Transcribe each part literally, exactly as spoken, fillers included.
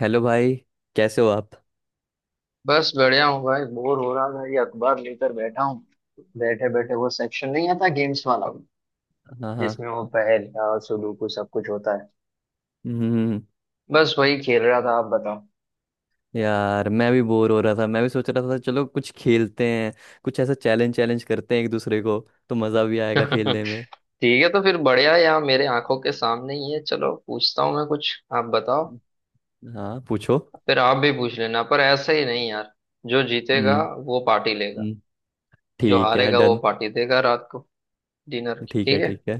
Hello भाई। कैसे हो आप? बस बढ़िया हूँ भाई। बोर हो रहा था, ये अखबार लेकर बैठा हूँ। बैठे बैठे, वो सेक्शन नहीं आता गेम्स वाला हाँ हाँ। जिसमें वो पहेल और सुडोकू सब कुछ होता है। हम्म। बस वही खेल रहा था, आप बताओ। यार मैं भी बोर हो रहा था मैं भी सोच रहा था चलो कुछ खेलते हैं। कुछ ऐसा चैलेंज चैलेंज करते हैं एक दूसरे को तो मज़ा भी आएगा खेलने में। ठीक है, तो फिर बढ़िया। यहाँ मेरे आंखों के सामने ही है, चलो पूछता हूँ मैं कुछ। आप बताओ हाँ पूछो। फिर, आप भी पूछ लेना, पर ऐसा ही नहीं यार। जो जीतेगा हम्म। वो पार्टी लेगा, हम्म, जो ठीक है हारेगा वो डन। पार्टी देगा रात को, डिनर की। ठीक है ठीक है, ठीक है।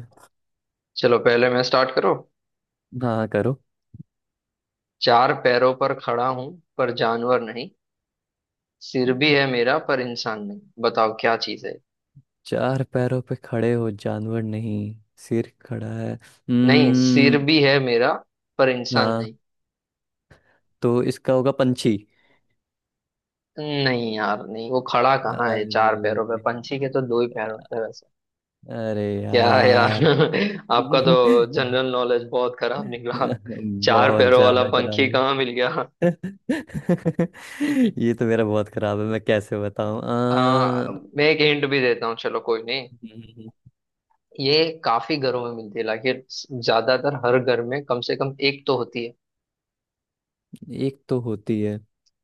चलो पहले मैं स्टार्ट करो। हाँ हाँ, करो। चार पैरों पर खड़ा हूं पर जानवर नहीं, सिर भी है मेरा पर इंसान नहीं, बताओ क्या चीज है। चार पैरों पे खड़े हो जानवर नहीं सिर खड़ा है। नहीं, सिर भी हम्म। है मेरा पर इंसान हाँ नहीं। तो इसका होगा पंछी। नहीं यार नहीं, वो खड़ा कहाँ है अरे चार पैरों पे? पंछी के तो दो ही पैर होते हैं वैसे। अरे क्या है यार यार। आपका तो जनरल नॉलेज बहुत खराब निकला। चार बहुत पैरों वाला ज्यादा पंखी खराब कहाँ मिल गया? है। ये तो मेरा बहुत खराब है मैं कैसे बताऊं? आ, आ, मैं एक हिंट भी देता हूँ, चलो कोई नहीं। ये काफी घरों में मिलती है, लाइक ज्यादातर हर घर में कम से कम एक तो होती है। एक तो होती है।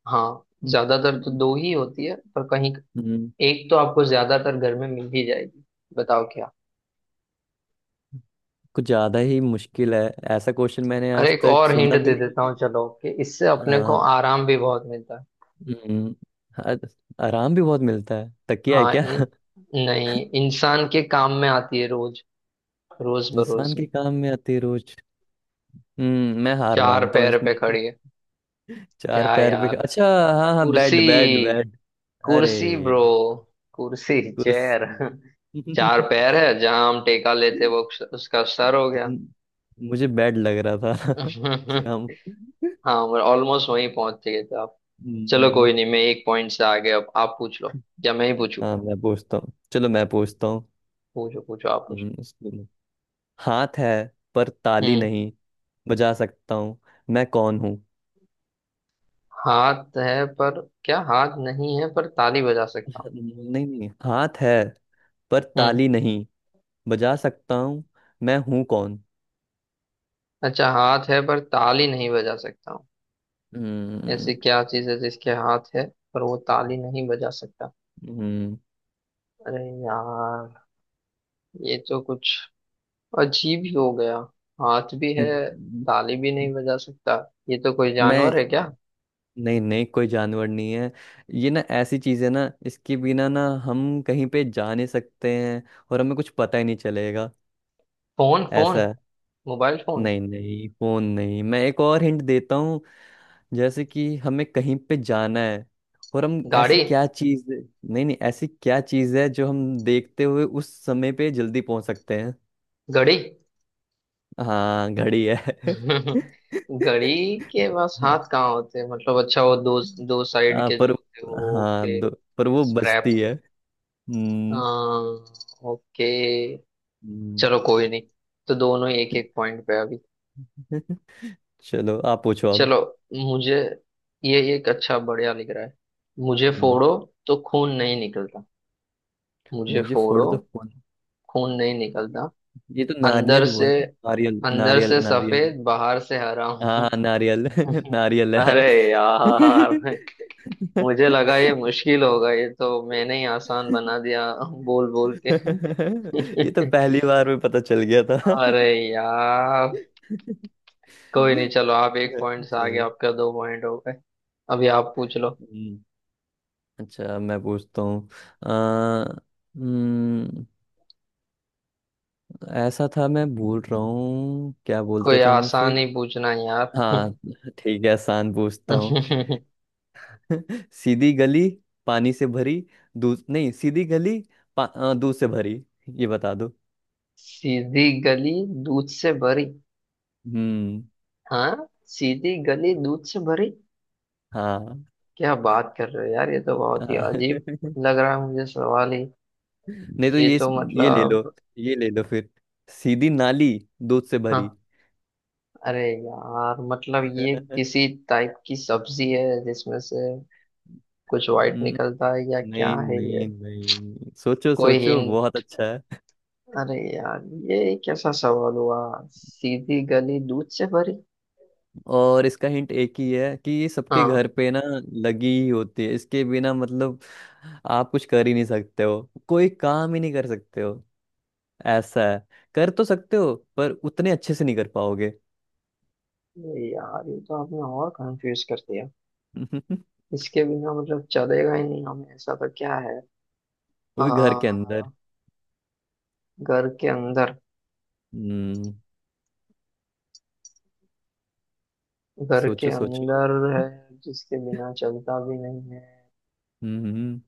हाँ, हम्म, ज्यादातर तो दो ही होती है, पर कहीं हम्म, एक तो आपको ज्यादातर घर में मिल ही जाएगी। बताओ क्या। कुछ ज्यादा ही मुश्किल है। ऐसा क्वेश्चन मैंने अरे, आज एक तक और हिंट सुना भी दे देता नहीं हूँ चलो, कि इससे है। अपने को आ, आराम भी बहुत मिलता है। हम्म, आ- आराम भी बहुत मिलता है तकिया है हाँ क्या? इन, नहीं, इंसान के काम में आती है रोज, रोज बरोज इंसान में। के काम में आती है रोज। हम्म मैं हार चार मानता हूँ पैर पे इसमें। खड़ी है। चार क्या पैर पे यार। अच्छा। हाँ हाँ कुर्सी, बेड बेड बेड। अरे कुर्सी ब्रो। कुर्सी, चेयर। कुर्सी। चार पैर है जहां हम टेका लेते वो, उसका सर हो गया। मुझे बैड लग रहा था कि हम। हाँ, ऑलमोस्ट वहीं पहुंच गए थे आप। चलो हम्म, कोई नहीं, मैं एक पॉइंट से आगे। अब आप पूछ लो, या मैं ही पूछू। हाँ मैं पूछता हूँ चलो मैं पूछता हूँ। पूछो पूछो, आप पूछो। हम्म, इसको- हाथ है पर ताली हम्म। नहीं बजा सकता हूँ। मैं कौन हूँ? हाथ है पर, क्या हाथ नहीं है पर ताली बजा सकता हूँ? नहीं नहीं हाथ है पर हम्म। ताली नहीं बजा सकता हूँ। मैं हूँ कौन? अच्छा, हाथ है पर ताली नहीं बजा सकता हूँ। ऐसी हम्म। क्या चीज है जिसके हाथ है पर वो ताली नहीं बजा सकता? हम्म, अरे यार, ये तो कुछ अजीब ही हो गया। हाथ भी है, ताली भी नहीं बजा सकता। ये तो कोई मैं, जानवर है क्या? नहीं नहीं कोई जानवर नहीं है। ये ना ऐसी चीज है ना इसके बिना ना हम कहीं पे जा नहीं सकते हैं। और हमें कुछ पता ही नहीं चलेगा। फोन, ऐसा फोन। है। Mobile phone. नहीं नहीं फोन नहीं। मैं एक और हिंट देता हूँ। जैसे कि हमें कहीं पे जाना है। और हम ऐसी गाड़ी। क्या चीज, नहीं नहीं, ऐसी क्या चीज है जो हम देखते हुए उस समय पे जल्दी पहुंच सकते हैं? घड़ी। हाँ घड़ी है। घड़ी के पास हाथ कहाँ होते हैं? मतलब अच्छा, वो दो, दो साइड हाँ, के जो पर। होते हैं वो। हाँ ओके। दो। पर वो स्ट्रैप। बचती है। हम्म। हाँ। ओके। हम्म। चलो कोई नहीं, तो दोनों एक एक पॉइंट पे अभी। चलो आप पूछो अब। चलो। मुझे, ये एक अच्छा बढ़िया लिख रहा है। मुझे हम्म, फोड़ो तो खून नहीं निकलता। मुझे मुझे फोड़ फोड़ो, तो कौन? खून नहीं निकलता। ये तो अंदर नारियल से, हुआ ना नारियल अंदर नारियल से नारियल। सफेद, बाहर से हरा हाँ हूँ। हाँ नारियल। नारियल है। अरे यार, मुझे लगा ये मुश्किल होगा, ये तो मैंने ही आसान ये बना दिया बोल बोल के। तो पहली बार में पता चल गया था। अरे यार। कोई नहीं, चलो आप एक पॉइंट से आगे, चलो। आपका दो पॉइंट हो गए। अभी आप पूछ लो। हम्म, अच्छा मैं पूछता हूँ। अ, हम्म, ऐसा था मैं भूल रहा हूँ क्या बोलते कोई थे हम उसे। आसान ही पूछना यार। हाँ ठीक है आसान पूछता हूँ। सीधी गली पानी से भरी। दूध नहीं सीधी गली। पा, अ, दूध से भरी। ये बता दो। सीधी गली, दूध से भरी। हम्म। हाँ, सीधी गली दूध से भरी। हाँ हाँ। क्या बात कर रहे हो यार, ये तो बहुत ही अजीब लग रहा है मुझे सवाल ही। नहीं तो ये ये। तो ये ले लो। मतलब, ये ले लो फिर। सीधी नाली दूध से हाँ। भरी। अरे यार, मतलब ये हम्म, किसी टाइप की सब्जी है जिसमें से कुछ व्हाइट निकलता है या क्या नहीं है ये? नहीं नहीं सोचो कोई सोचो बहुत हिंट? अच्छा। अरे यार, ये कैसा सवाल हुआ? सीधी गली, दूध से भरी। और इसका हिंट एक ही है कि ये सबके हाँ। घर पे ना लगी ही होती है, इसके बिना मतलब आप कुछ कर ही नहीं सकते हो, कोई काम ही नहीं कर सकते हो। ऐसा है। कर तो सकते हो पर उतने अच्छे से नहीं कर पाओगे। अरे यार, ये तो आपने और कंफ्यूज कर दिया। वो इसके बिना मतलब चलेगा ही नहीं हमें, ऐसा तो क्या है? भी घर के आ, अंदर। घर के अंदर? हम्म। घर के सोचो सोचो। अंदर है जिसके बिना चलता भी नहीं है? हम्म।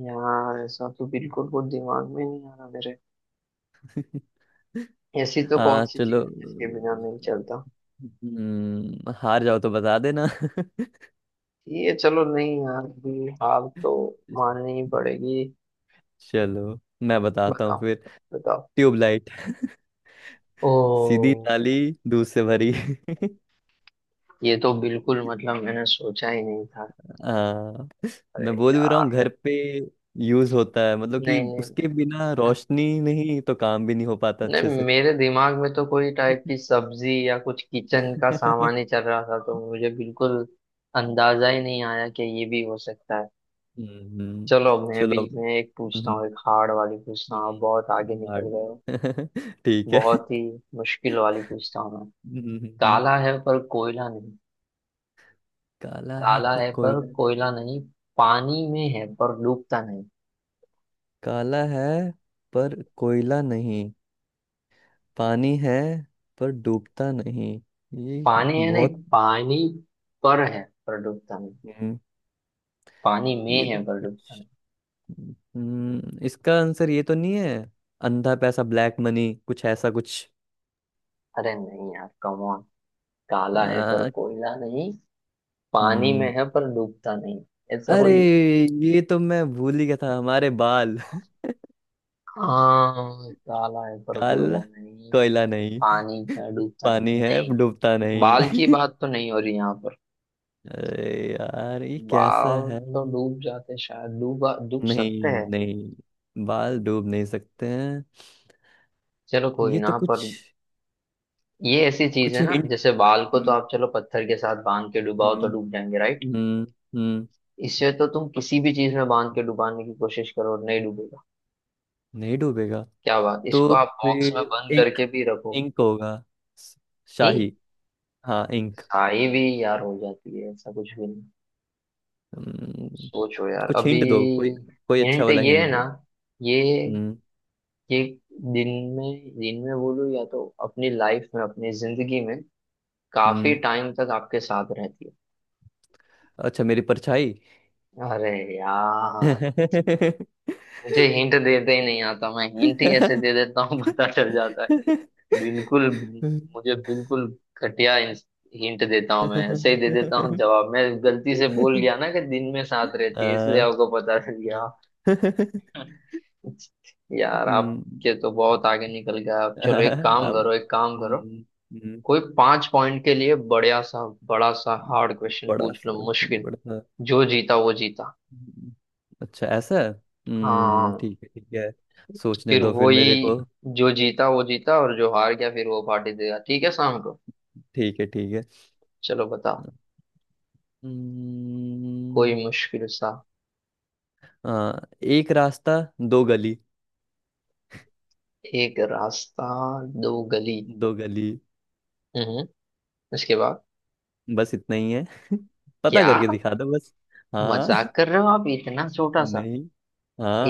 यार ऐसा तो बिल्कुल कुछ दिमाग में नहीं आ रहा मेरे। ऐसी तो कौन आ, सी चलो। चीज है जिसके बिना नहीं चलता? हम्म, हार जाओ तो बता देना। ये चलो नहीं यार, अभी हार तो माननी ही पड़ेगी। चलो मैं बताता हूँ बताओ, फिर। बताओ। ट्यूबलाइट। ओ। सीधी ताली दूध से भरी। ये तो बिल्कुल मतलब मैंने सोचा ही नहीं था। हाँ अरे मैं बोल भी रहा यार। हूँ घर पे यूज होता है मतलब कि नहीं नहीं उसके नहीं, बिना हाँ, रोशनी नहीं तो काम भी नहीं हो पाता अच्छे नहीं से। मेरे दिमाग में तो कोई टाइप की सब्जी या कुछ किचन का सामान ही चल रहा था, तो मुझे बिल्कुल अंदाजा ही नहीं आया कि ये भी हो सकता है। हम्म। चलो मैं भी, चलो। मैं एक पूछता हम्म, हूँ, एक हार्ड वाली पूछता हूँ। आप बहुत आगे हम्म, निकल hard। गए हो। ठीक है। बहुत ही मुश्किल वाली पूछता हूँ मैं। हम्म, काला है पर कोयला नहीं। काला है काला पर है पर कोयला। कोयला नहीं, पानी में है पर डूबता नहीं। काला है पर कोयला नहीं। पानी है पर डूबता नहीं। ये पानी है, नहीं बहुत। पानी पर है, पर डूबता नहीं। हम्म, पानी में ये तो है पर डूबता नहीं। कुछ। हम्म इसका आंसर ये तो नहीं है? अंधा पैसा ब्लैक मनी कुछ ऐसा कुछ। अरे नहीं यार, कम ऑन। काला है पर आ, कोयला नहीं, पानी में हम्म है पर डूबता नहीं। ऐसा अरे कोई। ये तो मैं भूल ही गया था हमारे बाल। हाँ, काला है पर कोयला काल नहीं, कोयला नहीं। पानी में डूबता नहीं पानी है नहीं। डूबता बाल की नहीं। बात तो नहीं हो रही यहाँ पर? अरे यार ये कैसा वाव है? तो डूब जाते शायद, डूबा, डूब नहीं सकते हैं। नहीं बाल डूब नहीं सकते हैं। चलो कोई ये तो ना। कुछ। पर ये ऐसी चीज कुछ है ना, हिंट। जैसे बाल को तो हम्म आप चलो पत्थर के साथ बांध के डुबाओ तो हम्म डूब जाएंगे राइट? हम्म हम्म। इससे तो तुम किसी भी चीज में बांध के डुबाने की कोशिश करो और नहीं डूबेगा। नहीं डूबेगा। क्या बात। इसको तो आप बॉक्स में फिर बंद इंक। करके भी रखो। इंक होगा। स- नहीं, शाही। हाँ इंक। साई भी यार हो जाती है, ऐसा कुछ भी नहीं। हम्म, सोचो यार कुछ अभी। हिंट दो कोई। कोई अच्छा हिंट वाला ये है हिंट दो। ना, ये हम्म ये दिन में दिन में बोलो, या तो अपनी लाइफ में, अपनी जिंदगी में काफी हम्म। टाइम तक आपके साथ रहती अच्छा मेरी परछाई। है। अरे यार, मुझे हिंट देते ही नहीं आता, मैं हिंट ही ऐसे आ, दे देता हूँ पता चल जाता है। बिल्कुल, मुझे बिल्कुल घटिया हिंट देता हूँ मैं, ऐसे ही दे देता हूँ जवाब। मैं गलती से बोल गया ना कि दिन में साथ रहती है, इसलिए आपको पता चल गया। यार हम्म, आपके तो बहुत आगे निकल गया। आप चलो एक काम अब करो, एक काम करो, हम्म, हम्म, कोई पांच पॉइंट के लिए बढ़िया सा, बड़ा सा हार्ड क्वेश्चन बड़ा पूछ सा लो, मुश्किल। बड़ा सा। जो जीता वो जीता। हम्म, अच्छा ऐसा है? हम्म हाँ, ठीक है ठीक है। सोचने फिर दो फिर मेरे को। वही, जो जीता वो जीता, और जो हार गया फिर वो पार्टी देगा, ठीक है, शाम को। ठीक है ठीक है। चलो बता, कोई हम्म, मुश्किल सा। आ, एक रास्ता दो गली। एक रास्ता, दो गली। दो गली। हम्म, उसके बाद? बस इतना ही है। पता क्या, करके दिखा दो बस। मजाक हाँ। कर रहे हो आप, इतना छोटा सा? नहीं।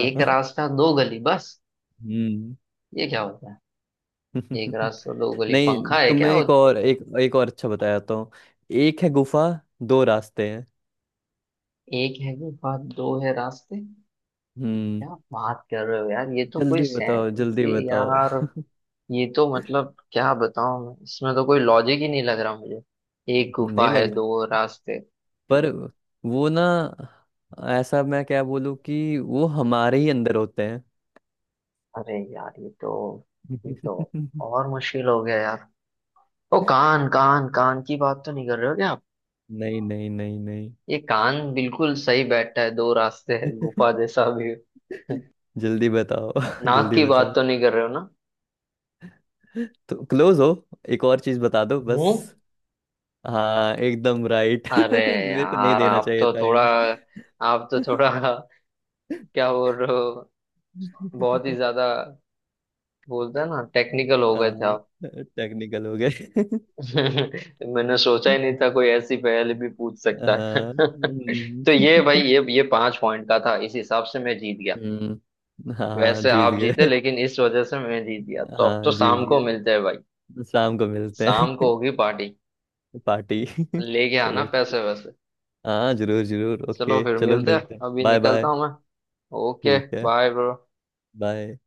एक रास्ता, दो गली बस? हम्म। ये क्या होता है? एक रास्ता, दो गली, नहीं पंखा है तुम्हें क्या? एक और और एक एक और अच्छा बताता हूँ। एक है गुफा दो रास्ते हैं। एक है गुफा, दो है रास्ते? हम्म। क्या बात कर रहे हो यार, ये तो कोई जल्दी बताओ सेंस जल्दी बताओ। यार। ये तो मतलब क्या बताऊं मैं, इसमें तो कोई लॉजिक ही नहीं लग रहा मुझे। एक नहीं गुफा लग है, रहा। दो रास्ते। पर वो ना ऐसा मैं क्या बोलूँ कि वो हमारे ही अंदर होते अरे यार, ये तो ये तो हैं। और मुश्किल हो गया यार। ओ, कान, कान कान की बात तो नहीं कर रहे हो क्या आप? नहीं नहीं नहीं नहीं। ये कान बिल्कुल सही बैठा है, दो रास्ते है, गुफा जैसा भी है। जल्दी बताओ नाक जल्दी की बात बताओ। तो नहीं कर रहे हो ना? तो क्लोज हो एक और चीज बता दो बस। मुंह। हाँ एकदम राइट। अरे मेरे को नहीं यार, देना आप चाहिए तो था थोड़ा एंड। आप तो थोड़ा क्या बोल रहे हो। बहुत ही ज्यादा, बोलते हैं ना, टेक्निकल हो गए थे आप। टेक्निकल हो गए। मैंने सोचा ही नहीं था कोई ऐसी पहेली भी पूछ सकता है। हाँ हम्म। तो ये भाई, ये ये पांच पॉइंट का था, इस हिसाब से मैं जीत गया। हम्म, हाँ वैसे जीत आप जीते, गए। लेकिन इस वजह से मैं जीत गया, तो अब हाँ तो जीत शाम को गए। मिलते हैं भाई। शाम को मिलते शाम को हैं। होगी पार्टी, पार्टी। लेके आना चलो। पैसे वैसे। हाँ जरूर जरूर चलो ओके फिर चलो मिलते मिलते हैं, हैं अभी बाय निकलता बाय। हूँ मैं। ओके, ठीक है। Bye bro. बाय।